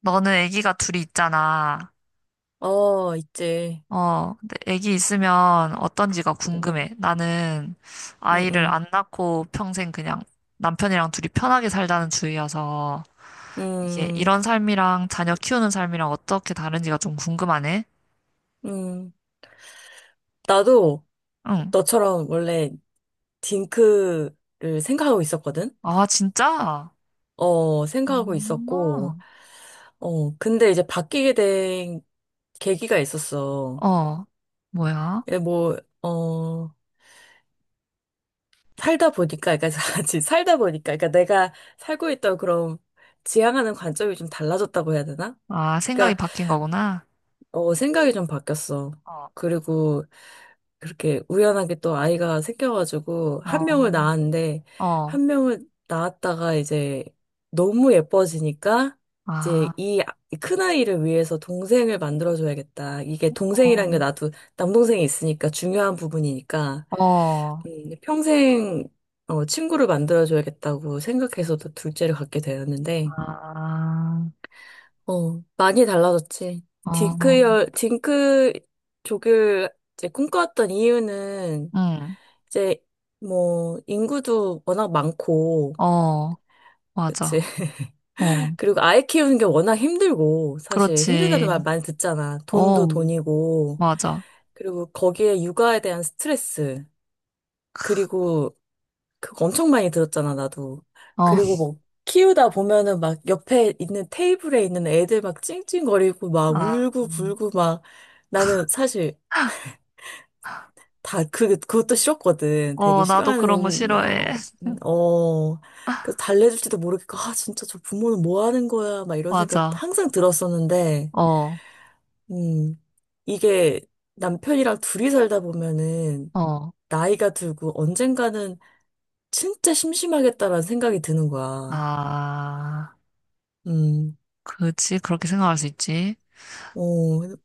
너는 아기가 둘이 있잖아. 어, 있지. 어, 근데 아기 있으면 어떤지가 응, 궁금해. 나는 응, 아이를 응, 안 낳고 평생 그냥 남편이랑 둘이 편하게 살자는 주의여서 이게 응, 이런 삶이랑 자녀 키우는 삶이랑 어떻게 다른지가 좀 궁금하네. 응. 나도 응. 너처럼 원래 딩크를 생각하고 있었거든? 아, 진짜? 어, 생각하고 있었고, 어, 근데 이제 바뀌게 된 계기가 있었어. 어, 뭐야? 이게 뭐, 어, 살다 보니까, 그러니까 같이 살다 보니까, 그러니까 내가 살고 있던 그런 지향하는 관점이 좀 달라졌다고 해야 되나? 아, 생각이 그러니까, 바뀐 거구나. 생각이 좀 바뀌었어. 어, 그리고, 그렇게 우연하게 또 아이가 생겨가지고 한 어, 명을 낳았는데 어, 한 명을 낳았다가 이제 너무 예뻐지니까 이제 아, 이 큰 아이를 위해서 동생을 만들어줘야겠다. 이게 어, 동생이란 게 나도 남동생이 있으니까 중요한 부분이니까 어, 평생 친구를 만들어줘야겠다고 생각해서 또 둘째를 갖게 되었는데 아, 많이 달라졌지. 어. 딩크 족을 이제 꿈꿔왔던 이유는 응. 이제 뭐 인구도 워낙 많고 어, 맞아. 그치. 어, 그리고 아이 키우는 게 워낙 힘들고, 사실 힘들다는 말 그렇지. 많이 듣잖아. 어, 돈도 돈이고, 맞아. 그리고 거기에 육아에 대한 스트레스. 그리고 그거 엄청 많이 들었잖아, 나도. 어, 그리고 뭐 키우다 보면은 막 옆에 있는 테이블에 있는 애들 막 찡찡거리고 막 아, 울고 불고 막. 나는 사실 그것도 싫었거든. 되게 어, 나도 그런 거 싫어하는, 싫어해. 어, 어, 어. 그래서 달래줄지도 모르겠고, 아, 진짜 저 부모는 뭐 하는 거야, 막 이런 생각 맞아. 항상 들었었는데, 어, 음, 이게 남편이랑 둘이 살다 보면은, 어, 나이가 들고 언젠가는 진짜 심심하겠다라는 생각이 드는 거야. 아, 음, 그렇지. 그렇게 생각할 수 있지. 어,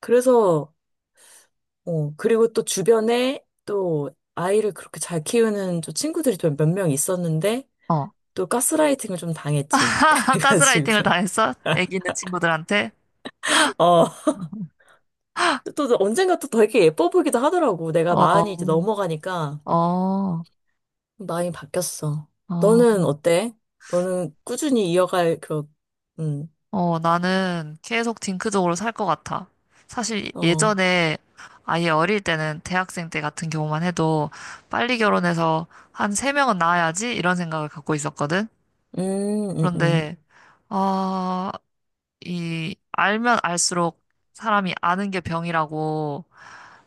그래서, 그리고 또 주변에 또 아이를 그렇게 잘 키우는 또 친구들이 또 몇 명 있었는데, 어, 또 가스라이팅을 좀 당했지. 그래가지고 가스라이팅을 당했어? 애기 있는 친구들한테? 어, 또 언젠가 또 되게 예뻐 보이기도 하더라고. 내가 마흔이 어, 이제 넘어가니까 어, 마음이 바뀌었어. 어. 너는 어때? 너는 꾸준히 이어갈 그런. 음, 어, 나는 계속 딩크적으로 살 것 같아. 사실 어, 예전에 아예 어릴 때는 대학생 때 같은 경우만 해도 빨리 결혼해서 한 세명은 낳아야지 이런 생각을 갖고 있었거든. 음, 음, 음, 그런데, 아, 이, 알면 알수록 사람이 아는 게 병이라고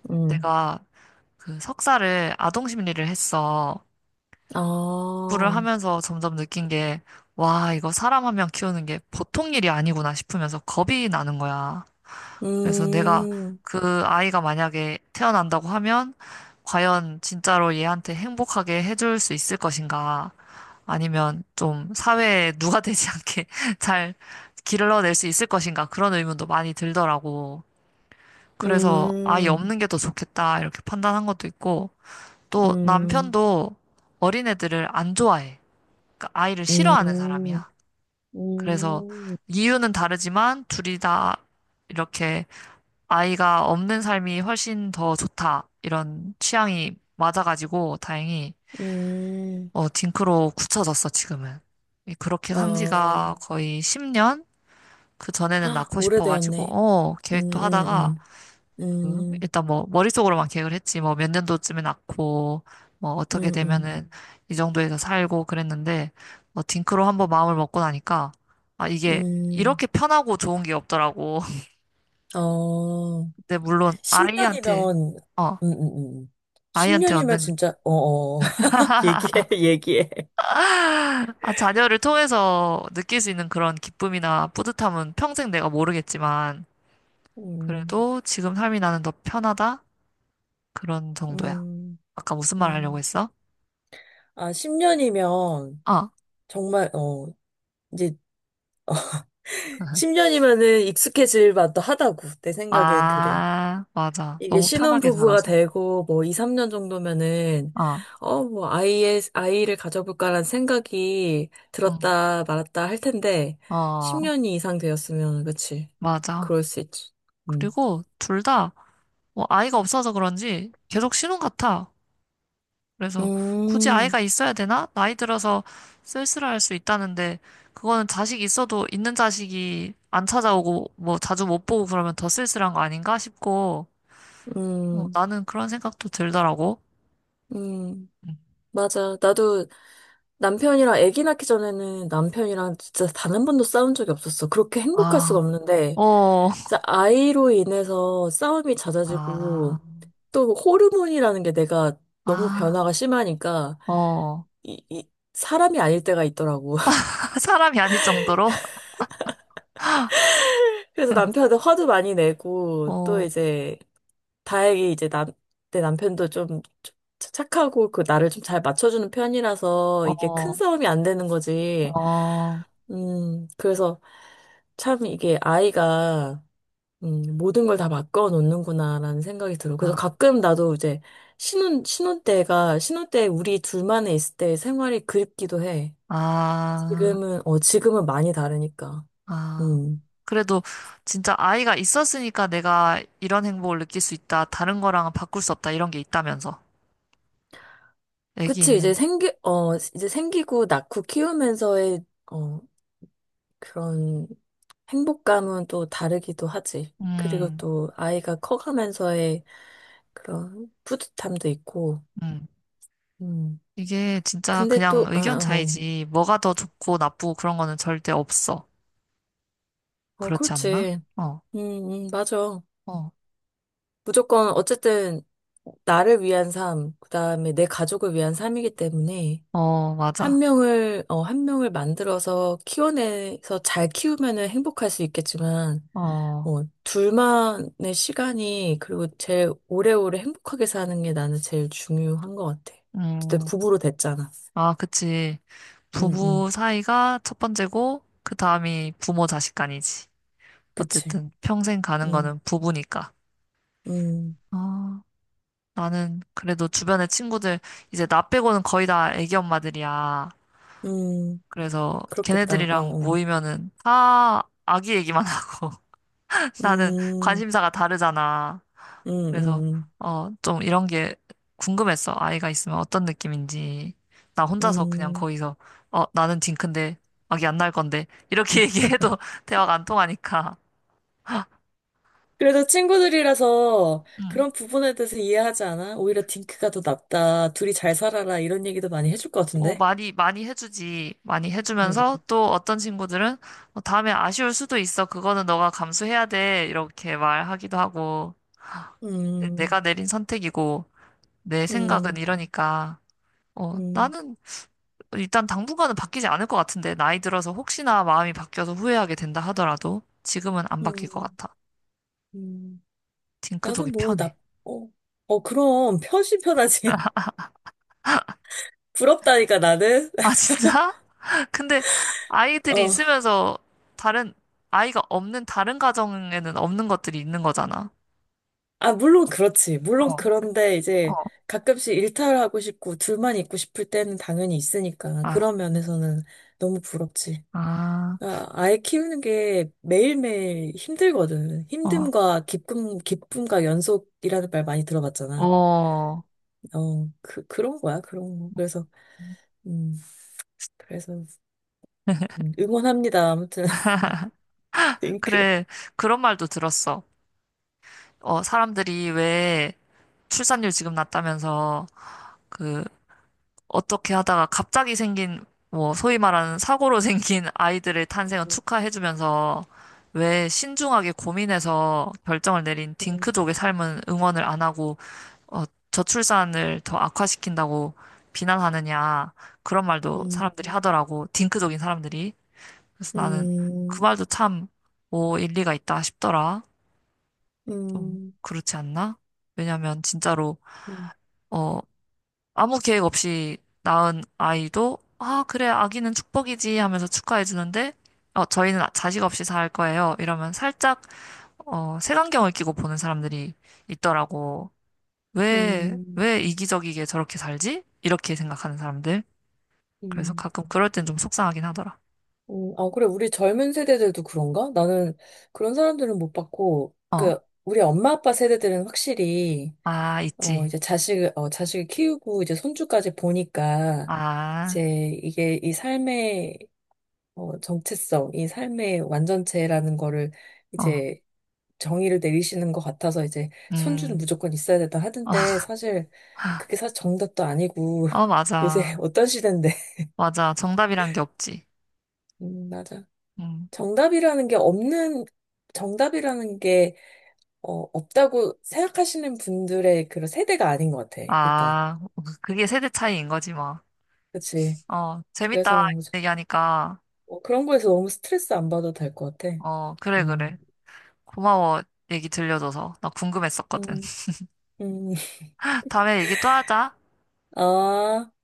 음, 내가 그 석사를 아동 심리를 했어. 공부를 아, 하면서 점점 느낀 게, 와, 이거 사람 한 명 키우는 게 보통 일이 아니구나 싶으면서 겁이 나는 거야. 그래서 내가 음, 그 아이가 만약에 태어난다고 하면 과연 진짜로 얘한테 행복하게 해줄 수 있을 것인가? 아니면 좀 사회에 누가 되지 않게 잘 길러낼 수 있을 것인가? 그런 의문도 많이 들더라고. 음, 그래서 아이 음, 없는 게 더 좋겠다 이렇게 판단한 것도 있고 또 남편도 어린애들을 안 좋아해. 그러니까 아이를 싫어하는 음, 사람이야. 그래서 음, 이유는 다르지만 둘이 다 이렇게 아이가 없는 삶이 훨씬 더 좋다. 이런 취향이 맞아가지고 다행히 음, 어, 딩크로 굳혀졌어, 지금은. 그렇게 산 어. 지가 거의 10년? 그 전에는 헉, 낳고 싶어가지고 오래되었네. 어, 음, 계획도 음, 하다가 음, 그 음, 일단 뭐 머릿속으로만 계획을 했지. 뭐 몇 년도쯤에 낳고 뭐 어떻게 음, 음. 되면은 이 정도에서 살고 그랬는데 뭐 딩크로 한번 마음을 먹고 나니까 아, 이게 음, 이렇게 편하고 좋은 게 없더라고. 어, 근데 물론 아이한테 10년이면, 어, 음, 음, 음. 아이한테 10년이면 얻는 진짜, 얘기해, 얘기해. 아, 자녀를 통해서 느낄 수 있는 그런 기쁨이나 뿌듯함은 평생 내가 모르겠지만, 음, 그래도 지금 삶이 나는 더 편하다? 그런 정도야. 음, 아까 무슨 말 하려고 음. 했어? 아, 10년이면, 어, 정말, 이제, 10년이면은 익숙해질 만도 하다고. 내 생각엔 그래. 아, 맞아. 이게 너무 편하게 신혼부부가 살아서. 되고, 뭐, 2, 3년 정도면은, 어, 뭐, 아이를 가져볼까라는 생각이 응, 들었다 말았다 할 텐데, 어, 10년이 이상 되었으면, 그치. 맞아. 그럴 수 있지. 음. 그리고 둘 다, 뭐, 아이가 없어서 그런지 계속 신혼 같아. 그래서 굳이 음, 아이가 있어야 되나? 나이 들어서 쓸쓸할 수 있다는데 그거는 자식 있어도 있는 자식이 안 찾아오고 뭐 자주 못 보고 그러면 더 쓸쓸한 거 아닌가 싶고 어, 음, 나는 그런 생각도 들더라고. 음. 음. 맞아. 나도 남편이랑 아기 낳기 전에는 남편이랑 진짜 단 한 번도 싸운 적이 없었어. 그렇게 행복할 아, 수가 없는데, 어, 진짜 아이로 인해서 싸움이 아, 잦아지고 또 호르몬이라는 게 내가 너무 아, 변화가 심하니까 어. 이 사람이 아닐 때가 있더라고. 사람이 아닐 정도로? 그래서 남편한테 화도 많이 내고 또 어, 이제 다행히 이제 내 남편도 좀 착하고 그 나를 좀 잘 맞춰주는 편이라서 이게 어, 큰 싸움이 안 되는 거지. 어, 그래서 참 이게 아이가 모든 걸 다 바꿔 놓는구나라는 생각이 들어. 그래서 아, 가끔 나도 이제 신혼 때 우리 둘만의 있을 때 생활이 그립기도 해. 아. 지금은 많이 다르니까. 아, 음. 그래도 진짜 아이가 있었으니까 내가 이런 행복을 느낄 수 있다. 다른 거랑은 바꿀 수 없다. 이런 게 있다면서. 애기 그치, 있는. 이제 생기고 낳고 키우면서의, 어, 그런 행복감은 또 다르기도 하지. 그리고 음, 또 아이가 커가면서의 그런 뿌듯함도 있고, 음. 음. 이게 진짜 근데 그냥 또, 의견 차이지. 뭐가 더 좋고 나쁘고 그런 거는 절대 없어. 그렇지 않나? 그렇지. 어, 음, 맞아. 어, 무조건 어쨌든 나를 위한 삶, 그다음에 내 가족을 위한 삶이기 때문에 어, 맞아. 한 명을 만들어서 키워내서 잘 키우면은 행복할 수 있겠지만 어, 둘만의 시간이, 그리고 제일 오래오래 행복하게 사는 게 나는 제일 중요한 것 같아. 어쨌든 음. 부부로 됐잖아. 아, 그치. 응, 응. 부부 사이가 첫 번째고, 그 다음이 부모 자식 간이지. 그치. 어쨌든 평생 가는 응, 거는 부부니까. 응, 어. 나는 그래도 주변에 친구들 이제 나 빼고는 거의 다 애기 엄마들이야. 응. 그래서 그렇겠다. 어, 걔네들이랑 어. 모이면은 다 아기 얘기만 하고 나는 음, 관심사가 다르잖아. 음, 그래서 음, 어 좀 이런 게 궁금했어. 아이가 있으면 어떤 느낌인지. 나 혼자서 그냥 음. 거기서 어 나는 딩크인데 아기 안 낳을 건데 이렇게 얘기해도 대화가 안 통하니까. 그래도 친구들이라서 음. 그런 부분에 대해서 이해하지 않아? 오히려 딩크가 더 낫다. 둘이 잘 살아라. 이런 얘기도 많이 해줄 것 어, 같은데? 많이, 많이 해주지. 많이 해주면서 음, 또 어떤 친구들은 어, 다음에 아쉬울 수도 있어. 그거는 너가 감수해야 돼. 이렇게 말하기도 하고. 음, 내가 내린 선택이고, 내 생각은 음, 이러니까. 어, 음, 나는 일단 당분간은 바뀌지 않을 것 같은데. 나이 들어서 혹시나 마음이 바뀌어서 후회하게 된다 하더라도 지금은 안 바뀔 것 음, 같아. 음. 나도 딩크족이 뭐, 편해. 어, 그럼, 편신 편하지. 부럽다니까, 나는? 아, 진짜? 근데 아이들이 어, 있으면서 다른, 아이가 없는 다른 가정에는 없는 것들이 있는 거잖아. 아, 물론 그렇지. 물론 그런데 어, 이제 가끔씩 일탈하고 싶고, 둘만 있고 싶을 때는 당연히 있으니까. 아, 그런 면에서는 너무 부럽지. 아, 아, 아이 키우는 게 매일매일 힘들거든. 어, 힘듦과 기쁨, 기쁨과 연속이라는 말 많이 들어봤잖아. 어. 그런 거야, 그런 거. 음, 그래서, 응원합니다. 아무튼, 링크. 그래, 그런 말도 들었어. 어, 사람들이 왜 출산율 지금 낮다면서 그 어떻게 하다가 갑자기 생긴 뭐 소위 말하는 사고로 생긴 아이들의 탄생을 축하해주면서 왜 신중하게 고민해서 결정을 내린 음, 딩크족의 삶은 응원을 안 하고 어, 저출산을 더 악화시킨다고 비난하느냐 그런 말도 음, 사람들이 하더라고 딩크족인 사람들이 그래서 나는 음, 그 음, 말도 참, 뭐, 일리가 있다 싶더라. 좀, 그렇지 않나? 왜냐면, 진짜로, 음, 음, 어, 아무 계획 없이 낳은 아이도, 아, 그래, 아기는 축복이지 하면서 축하해주는데, 어, 저희는 자식 없이 살 거예요. 이러면 살짝, 어, 색안경을 끼고 보는 사람들이 있더라고. 왜, 음. 왜 이기적이게 저렇게 살지? 이렇게 생각하는 사람들. 그래서 가끔 그럴 땐 좀 속상하긴 하더라. 아, 그래, 우리 젊은 세대들도 그런가? 나는 그런 사람들은 못 봤고, 어, 그, 우리 엄마 아빠 세대들은 확실히, 아, 있지. 이제 자식을 키우고 이제 손주까지 보니까 이제 아, 이게 이 삶의 정체성, 이 삶의 완전체라는 거를 어, 이제 정의를 내리시는 것 같아서 이제 손주는 음. 무조건 있어야 된다 하던데. 아, 사실 그게 사실 정답도 아니고 어 요새 맞아. 어떤 시대인데. 맞아. 정답이란 게 없지. 맞아. 음. 정답이라는 게 없는, 정답이라는 게 없다고 생각하시는 분들의 그런 세대가 아닌 것 같아, 일단. 아, 그게 세대 차이인 거지, 뭐. 그치. 어, 그래서 재밌다. 뭐 얘기하니까. 그런 거에서 너무 스트레스 안 받아도 될 것 같아. 어, 그래, 그래. 음, 고마워. 얘기 들려줘서. 나 궁금했었거든. 음, 음. 다음에 얘기 또 하자. 아,